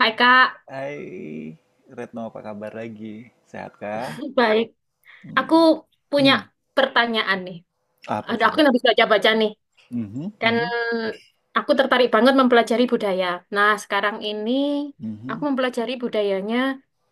Hai Kak, Hai Retno, apa kabar lagi? Sehat kah? baik. Aku Hmm. punya Hmm. pertanyaan nih. Apa Ada aku coba? yang habis baca-baca nih. Mhm, Kan mhm, aku tertarik banget mempelajari budaya. Nah, sekarang ini mhm, aku hmm. mempelajari budayanya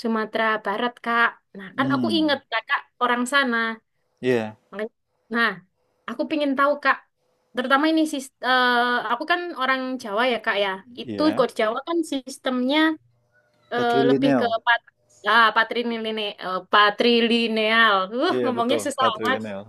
Sumatera Barat, Kak. Nah, kan aku hmm. inget Kakak orang sana. Iya, Makanya- Nah, aku pingin tahu Kak, terutama ini aku kan orang Jawa ya Kak ya. Itu iya. kok di Jawa kan sistemnya lebih ke Patrilineal. Patrilineal, eh, patrilineal. Iya, Ngomongnya betul, susah amat. patrilineal.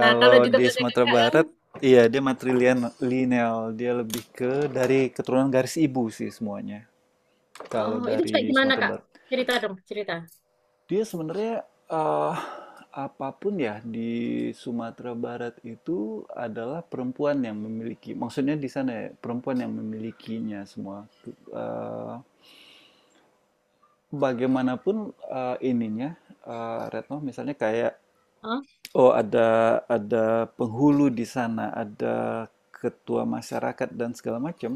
Nah, kalau di di tempatnya Sumatera kakak kan, Barat, iya dia matrilineal. Dia lebih ke dari keturunan garis ibu sih semuanya. Kalau oh itu kayak dari gimana Sumatera kak? Barat. Cerita dong, cerita. Dia sebenarnya, eee, apapun ya di Sumatera Barat itu adalah perempuan yang memiliki maksudnya di sana ya, perempuan yang memilikinya semua. Eee, bagaimanapun, ininya, Retno misalnya kayak, Hah? oh ada penghulu di sana, ada ketua masyarakat dan segala macam,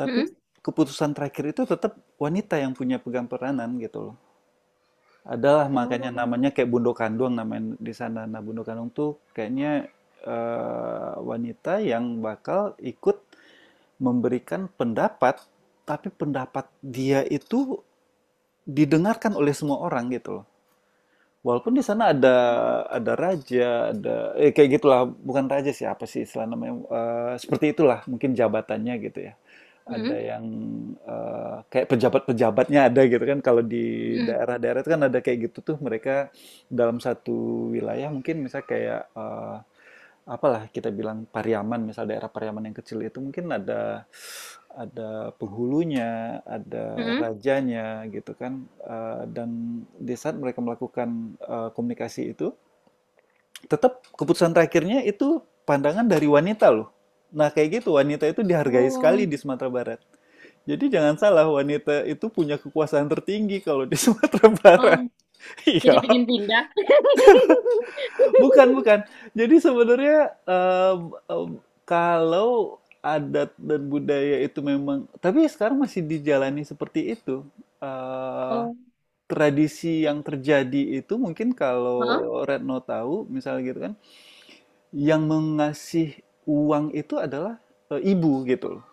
tapi Mm-mm. keputusan terakhir itu tetap wanita yang punya pegang peranan gitu loh. Adalah makanya namanya Oh. kayak Bundo Kandung namanya di sana. Nah, Bundo Kandung tuh kayaknya wanita yang bakal ikut memberikan pendapat, tapi pendapat dia itu didengarkan oleh semua orang gitu loh. Walaupun di sana ada Mm-mm. raja, ada kayak gitulah, bukan raja sih apa sih istilah namanya seperti itulah mungkin jabatannya gitu ya. Ada Mm-mm. yang kayak pejabat-pejabatnya ada gitu kan kalau di daerah-daerah itu kan ada kayak gitu tuh mereka dalam satu wilayah mungkin misalnya kayak apalah kita bilang Pariaman, misal daerah Pariaman yang kecil itu mungkin ada penghulunya, ada Mm-mm. rajanya gitu kan. Dan di saat mereka melakukan komunikasi itu, tetap keputusan terakhirnya itu pandangan dari wanita loh. Nah, kayak gitu wanita itu dihargai sekali Oh. di Sumatera Barat. Jadi jangan salah, wanita itu punya kekuasaan tertinggi kalau di Sumatera Oh. Barat. Jadi Iya. pengen pindah. Bukan, bukan. Jadi sebenarnya, mmm, mmm, kalau adat dan budaya itu memang tapi sekarang masih dijalani seperti itu, eee, Oh. tradisi yang terjadi itu mungkin Hah? kalau Retno tahu misalnya gitu kan, yang mengasih uang itu adalah, ibu gitu loh.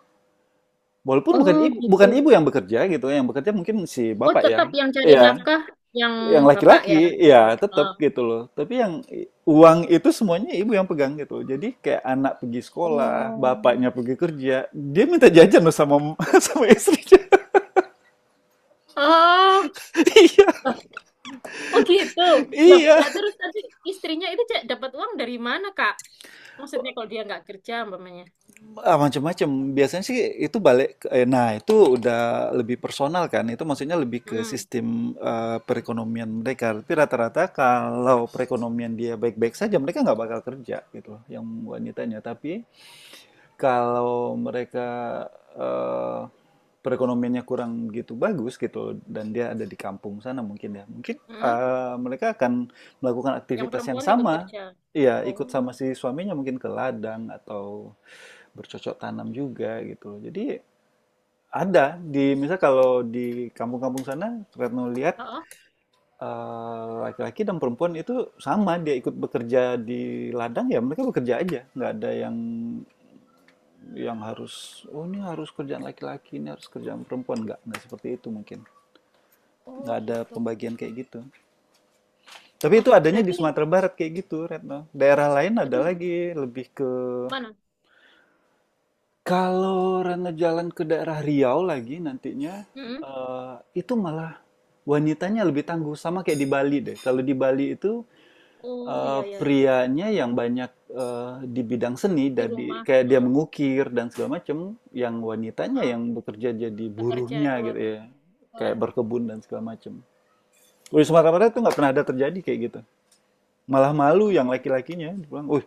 Walaupun bukan Oh ibu gitu. bukan ibu yang bekerja gitu, yang bekerja mungkin si Oh bapak ya. tetap yang cari Iya, nafkah yang yang bapak ya. laki-laki ya Oh. tetap gitu loh tapi yang uang itu semuanya ibu yang pegang gitu, jadi kayak anak pergi sekolah, Oh. bapaknya pergi kerja, dia minta jajan loh sama sama istrinya. Oh. Iya, Loh, oh gitu. Loh, iya. lah terus tadi istrinya itu Cak, dapat uang dari mana, Kak? Maksudnya kalau dia nggak kerja, umpamanya. Ah, macam-macam biasanya sih itu balik nah itu udah lebih personal kan itu maksudnya lebih ke Hmm. sistem perekonomian mereka, tapi rata-rata kalau perekonomian dia baik-baik saja mereka nggak bakal kerja gitu loh yang wanitanya. Tapi kalau mereka, eee, perekonomiannya kurang begitu bagus gitu dan dia ada di kampung sana mungkin ya, mungkin, Hmm. Mereka akan melakukan Yang aktivitas yang perempuan ikut sama. kerja. Iya, ikut Oh, sama si suaminya mungkin ke ladang atau bercocok tanam juga gitu. Jadi ada di misal kalau di kampung-kampung sana Retno lihat, ah, ah. Laki-laki dan perempuan itu sama, dia ikut bekerja di ladang, ya mereka bekerja aja, nggak ada yang harus, oh ini harus kerjaan laki-laki, ini harus kerjaan perempuan. Nggak seperti itu mungkin. Oh Nggak ada gitu. pembagian kayak gitu. Tapi Wah, itu adanya di berarti, Sumatera Barat kayak gitu, Retno. Daerah lain ada aduh, lagi, lebih ke mana? kalau Rena jalan ke daerah Riau lagi nantinya, Hmm. eh, itu malah wanitanya lebih tangguh. Sama kayak di Bali deh. Kalau di Bali itu Oh iya ya, prianya yang banyak di bidang seni, di dari, rumah. kayak dia Heeh. mengukir dan segala macam, yang wanitanya Ah, yang bekerja jadi bekerja buruhnya keluar gitu ya. rumah. Kayak Heeh. berkebun dan segala macam. Kalau di Sumatera Barat itu nggak pernah ada terjadi kayak gitu. Malah malu Oh. yang laki-lakinya, dibilang, oh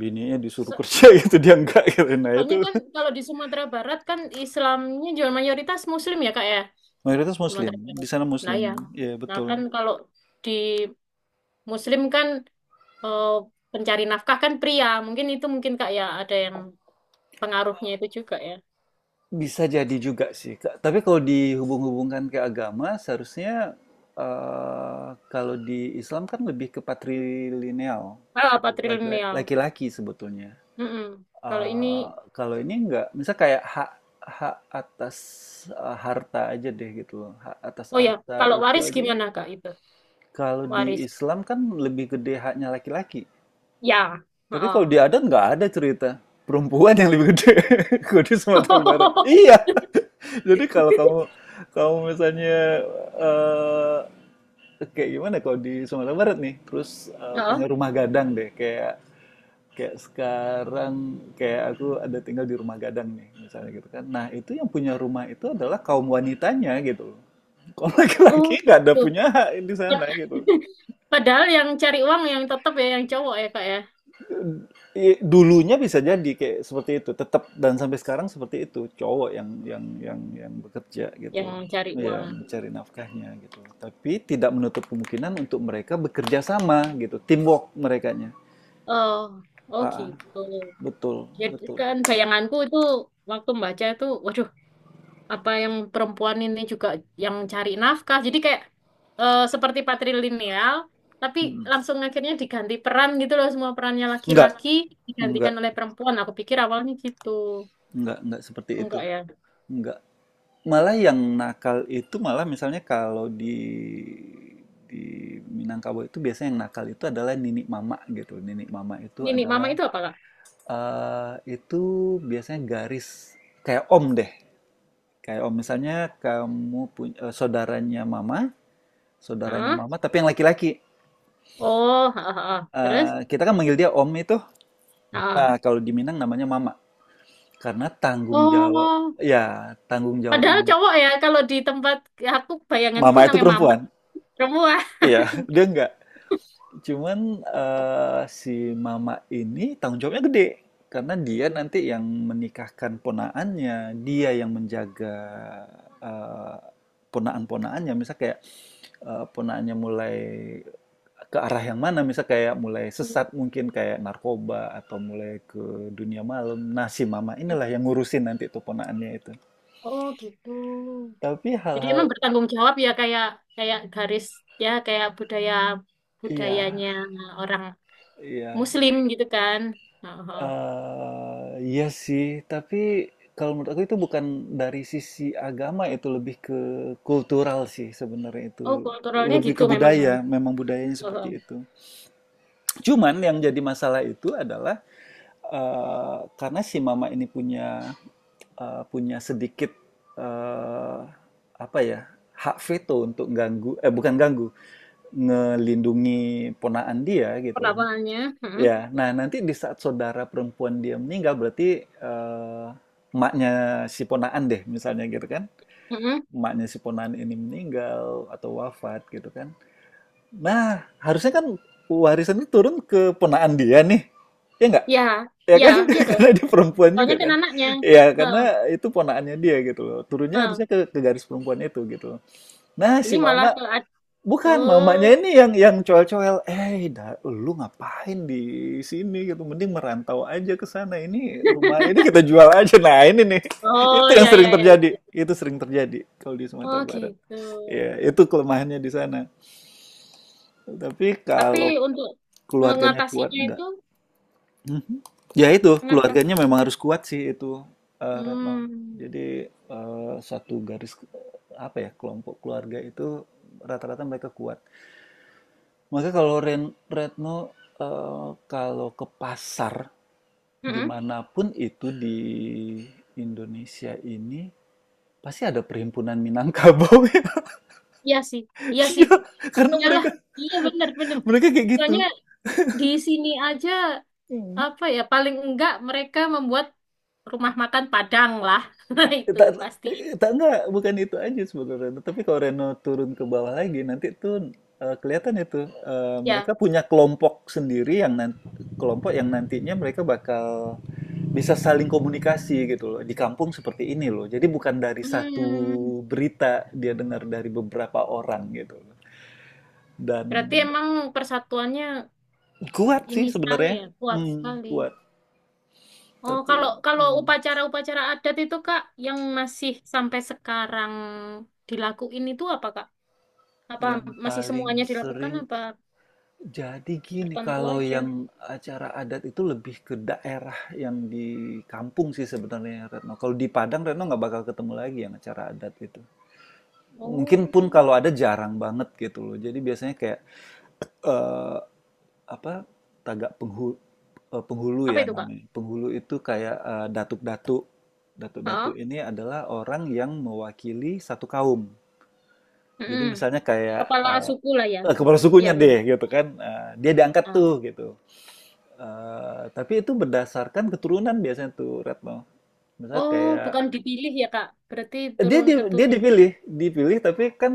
bininya disuruh So- kerja gitu, dia enggak gitu. Nah Soalnya itu kan kalau di Sumatera Barat kan Islamnya juga mayoritas Muslim ya, Kak ya, mayoritas muslim, Sumatera di Barat. sana Nah muslim. ya, Ya, nah betul. kan kalau di Muslim kan eh, pencari nafkah kan pria. Mungkin itu mungkin Kak ya ada yang pengaruhnya itu juga ya. Bisa jadi juga sih, Kak. Tapi kalau dihubung-hubungkan ke agama, seharusnya kalau di Islam kan lebih ke patrilineal, Ah, patrilineal. laki-laki sebetulnya. Mm-mm. Kalau Eh, ini, Kalau ini enggak, misal kayak hak hak atas harta aja deh gitu loh, hak atas oh ya, harta kalau itu waris aja. gimana Kak itu? Kalau di Waris. Islam kan lebih gede haknya laki-laki. Ya. Tapi kalau Heeh. di adat nggak ada cerita perempuan yang lebih gede. Gede Sumatera Barat. Iya. Jadi kalau kamu kamu misalnya eh kayak gimana kalau di Sumatera Barat nih, terus Heeh. punya rumah gadang deh, kayak kayak sekarang kayak aku ada tinggal di rumah gadang nih, misalnya gitu kan. Nah, itu yang punya rumah itu adalah kaum wanitanya gitu. Kalau Oh, laki-laki nggak ada tuh. punya hak di sana Pad- gitu. Padahal yang cari uang yang tetap ya yang cowok ya Kak ya, Iya, dulunya bisa jadi kayak seperti itu tetap dan sampai sekarang seperti itu cowok yang bekerja gitu, yang cari ya uang. mencari nafkahnya gitu, tapi tidak menutup kemungkinan untuk mereka bekerja sama gitu, teamwork merekanya. Oh, oh Ah, ah, gitu. betul, Jadi betul. kan bayanganku itu waktu membaca itu, waduh, apa yang perempuan ini juga yang cari nafkah. Jadi kayak seperti patrilineal, tapi Mm. langsung akhirnya diganti peran gitu loh semua perannya enggak laki-laki digantikan enggak oleh perempuan. Aku pikir awalnya gitu. enggak seperti itu. Enggak ya. Enggak, malah yang nakal itu malah misalnya kalau di di Minangkabau itu biasanya yang nakal itu adalah nini mama gitu. Nini mama itu Ini nih, mama adalah itu apa, Kak? Itu biasanya garis kayak om deh. Kayak om misalnya kamu punya saudaranya Hah? mama tapi yang laki-laki. Oh, ha, ha, ha. Terus? Kita kan manggil dia om itu. Nah, Ha. kalau di Minang namanya mama karena tanggung jawab, Oh, ya, tanggung padahal jawabnya cowok ya kalau di tempat aku bayanganku mama itu namanya mama perempuan. perempuan. Iya, dia nggak. Cuman si mama ini tanggung jawabnya gede karena dia nanti yang menikahkan ponaannya, dia yang menjaga eh, ponaan-ponaannya. Misal kayak ponaannya mulai ke arah yang mana, misal kayak mulai sesat mungkin kayak narkoba atau mulai ke dunia malam. Nah, si mama inilah yang ngurusin nanti itu ponaannya itu. Oh, gitu. Tapi Jadi emang hal-hal bertanggung jawab ya kayak kayak garis ya kayak budaya iya, budayanya orang iya. Muslim gitu kan. Oh, oh. Iya sih, tapi kalau menurut aku itu bukan dari sisi agama itu, lebih ke kultural sih sebenarnya itu. Oh, kulturalnya Lebih gitu ke memang ya. budaya, memang budayanya Oh, seperti oh. itu. Cuman yang jadi masalah itu adalah, karena si mama ini punya, punya sedikit, eee, apa ya, hak veto untuk ganggu, eh, bukan ganggu, ngelindungi ponaan dia gitu loh. Perlakuannya. Heeh, Ya, nah nanti di saat saudara perempuan dia meninggal berarti emaknya si ponaan deh misalnya gitu kan. heeh. Emaknya si ponaan ini meninggal atau wafat gitu kan. Nah, harusnya kan warisan itu turun ke ponaan dia nih. Ya enggak? Ya, Ya ya, kan? iya dong. Karena dia perempuan juga Soalnya kan kan. anaknya. Ya, Heeh, karena itu ponaannya dia gitu loh. Turunnya harusnya heeh. Ke garis perempuan itu gitu loh. Nah, Ini si malah mama ke Bukan, oh, mamanya ini yang coel-coel, "Eh, da lu ngapain di sini?" gitu, "Mending merantau aja ke sana, ini rumah ini kita jual aja." Nah, ini nih, itu oh yang ya sering ya ya. Itu. terjadi, itu sering terjadi kalau di Sumatera Oh Barat. gitu. Ya, itu kelemahannya di sana. Tapi Tapi kalau untuk keluarganya kuat, mengatasinya enggak. itu Mhm. Ya itu, keluarganya mengatasi. memang harus kuat sih itu, Retno. Hmm. Jadi, satu garis, apa ya, kelompok keluarga itu rata-rata mereka kuat. Maka kalau Retno, kalau ke pasar Heeh. dimanapun itu di Indonesia ini pasti ada perhimpunan Minangkabau ya. Iya sih, iya sih. Iya, karena Iyalah, mereka iya benar-benar. mereka kayak Soalnya gitu. di sini aja Hmm. apa ya paling enggak mereka membuat rumah makan Padang lah. Eh, Itu Tak, pasti. eh, tak Enggak, bukan itu aja sebenarnya. Tapi kalau Reno turun ke bawah lagi nanti tuh kelihatan itu mereka Ya. punya kelompok sendiri yang nanti, kelompok yang nantinya mereka bakal bisa saling komunikasi gitu loh di kampung seperti ini loh, jadi bukan dari satu Hmm, berita dia dengar dari beberapa orang gitu loh. Dan berarti emang persatuannya kuat sih ini sekali sebenarnya, ya, kuat sekali. kuat, Oh, kalau tapi kalau upacara-upacara adat itu Kak yang masih sampai sekarang dilakuin itu apa Kak? Apa yang masih paling semuanya dilakukan sering, apa jadi gini tertentu kalau aja? yang acara adat itu lebih ke daerah yang di kampung sih sebenarnya Retno, kalau di Padang Retno nggak bakal ketemu lagi yang acara adat itu. Mungkin Oh. pun kalau ada jarang banget gitu loh, jadi biasanya kayak eh, apa, Tagak penghulu, penghulu Apa ya itu Kak? namanya. Penghulu itu kayak datuk-datuk. Datuk-datuk ini adalah orang yang mewakili satu kaum. Jadi Heeh. misalnya kayak Kepala suku lah ya. Kepala Ya, sukunya Ren. deh gitu kan. Dia diangkat Ah. tuh gitu. Tapi itu berdasarkan keturunan biasanya tuh Retno. Misalnya Oh, kayak bukan dipilih ya, Kak. Berarti turun dia keturunan. dipilih, dipilih tapi kan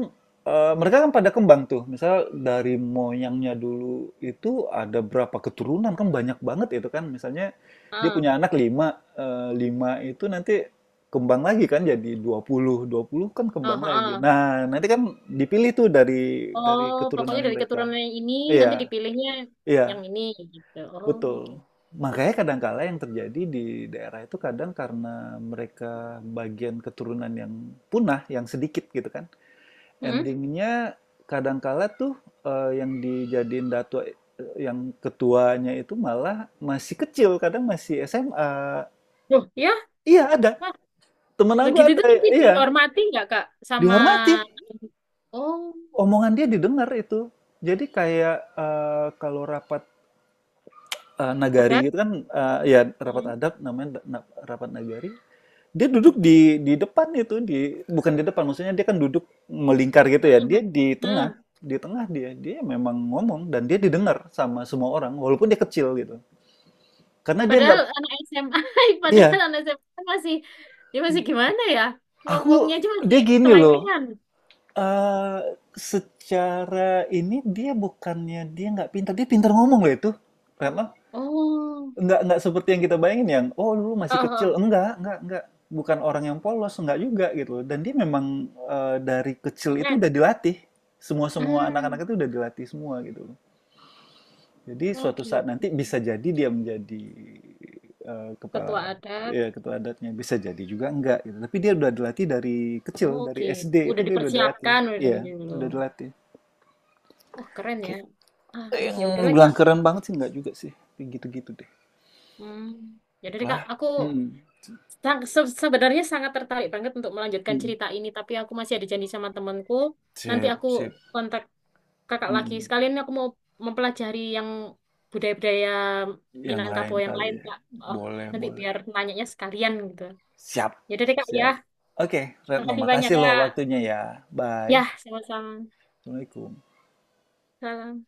mereka kan pada kembang tuh. Misal dari moyangnya dulu itu ada berapa keturunan kan banyak banget itu kan. Misalnya dia Ah. punya anak lima, eh, lima itu nanti kembang lagi kan jadi dua puluh kan Ah, kembang lagi. ah. Nah, nanti kan dipilih tuh dari Oh, keturunan pokoknya dari mereka. keturunan yang ini nanti Iya, dipilihnya iya, yang ini gitu. Oh, oke. betul. Makanya kadangkala yang terjadi di daerah itu kadang karena mereka bagian keturunan yang punah, yang sedikit gitu kan, Hmm? endingnya kadangkala tuh yang dijadiin yang ketuanya itu malah masih kecil, kadang masih SMA. Loh, ya? Iya, ada. Wah, Temen loh aku gitu itu ada, nanti iya. dihormati nggak, Kak? Sama Dihormati, oh, omongan dia didengar itu. Jadi kayak kalau rapat nagari adat. gitu kan, ya rapat Hmm. adat namanya, rapat nagari, dia duduk di depan itu di bukan di depan maksudnya, dia kan duduk melingkar gitu Hmm. ya, dia Hmm. di tengah, Hmm. di tengah dia dia memang ngomong dan dia didengar sama semua orang walaupun dia kecil gitu karena dia Padahal nggak, anak SMA, padahal iya, anak SMA masih dia masih gimana ya? aku, Ngomongnya aja masih dia gini loh, selengean. eh secara ini dia bukannya dia nggak pintar, dia pintar ngomong loh itu, karena Oh. enggak seperti yang kita bayangin yang, "Oh, dulu masih Oh, kecil." oh, enggak, enggak. Bukan orang yang polos, enggak juga gitu. Dan dia memang dari kecil itu udah keren. dilatih. Semua-semua Hmm, anak-anak itu udah dilatih semua gitu. Jadi oh suatu saat gitu. nanti bisa jadi dia menjadi kepala, Ketua adat. ya ketua adatnya, bisa jadi juga enggak gitu. Tapi dia udah dilatih dari kecil, Oh, dari oke. SD itu Udah dia udah dilatih. dipersiapkan udah Iya, dari dulu. udah dilatih. Oh, keren ya. Gitu. Ah, Yang ya udahlah bilang Kak. keren banget sih enggak juga sih. Kayak gitu-gitu deh. Hmm, ya udah deh Itulah. Kak, aku Mm. Sebenarnya sangat tertarik banget untuk melanjutkan Mm. cerita ini, tapi aku masih ada janji sama temanku. Nanti Sip, aku sip. kontak Kakak lagi. Mhm. Sekalian aku mau mempelajari yang budaya-budaya Yang lain Minangkabau yang kali lain, ya. Kak. Oh, Boleh, nanti boleh. biar nanyanya sekalian gitu. Siap, Ya udah deh Kak ya. siap. Oke, Retno, Makasih banyak makasih loh Kak. waktunya ya. Ya, Bye. sama-sama. Assalamualaikum. Salam.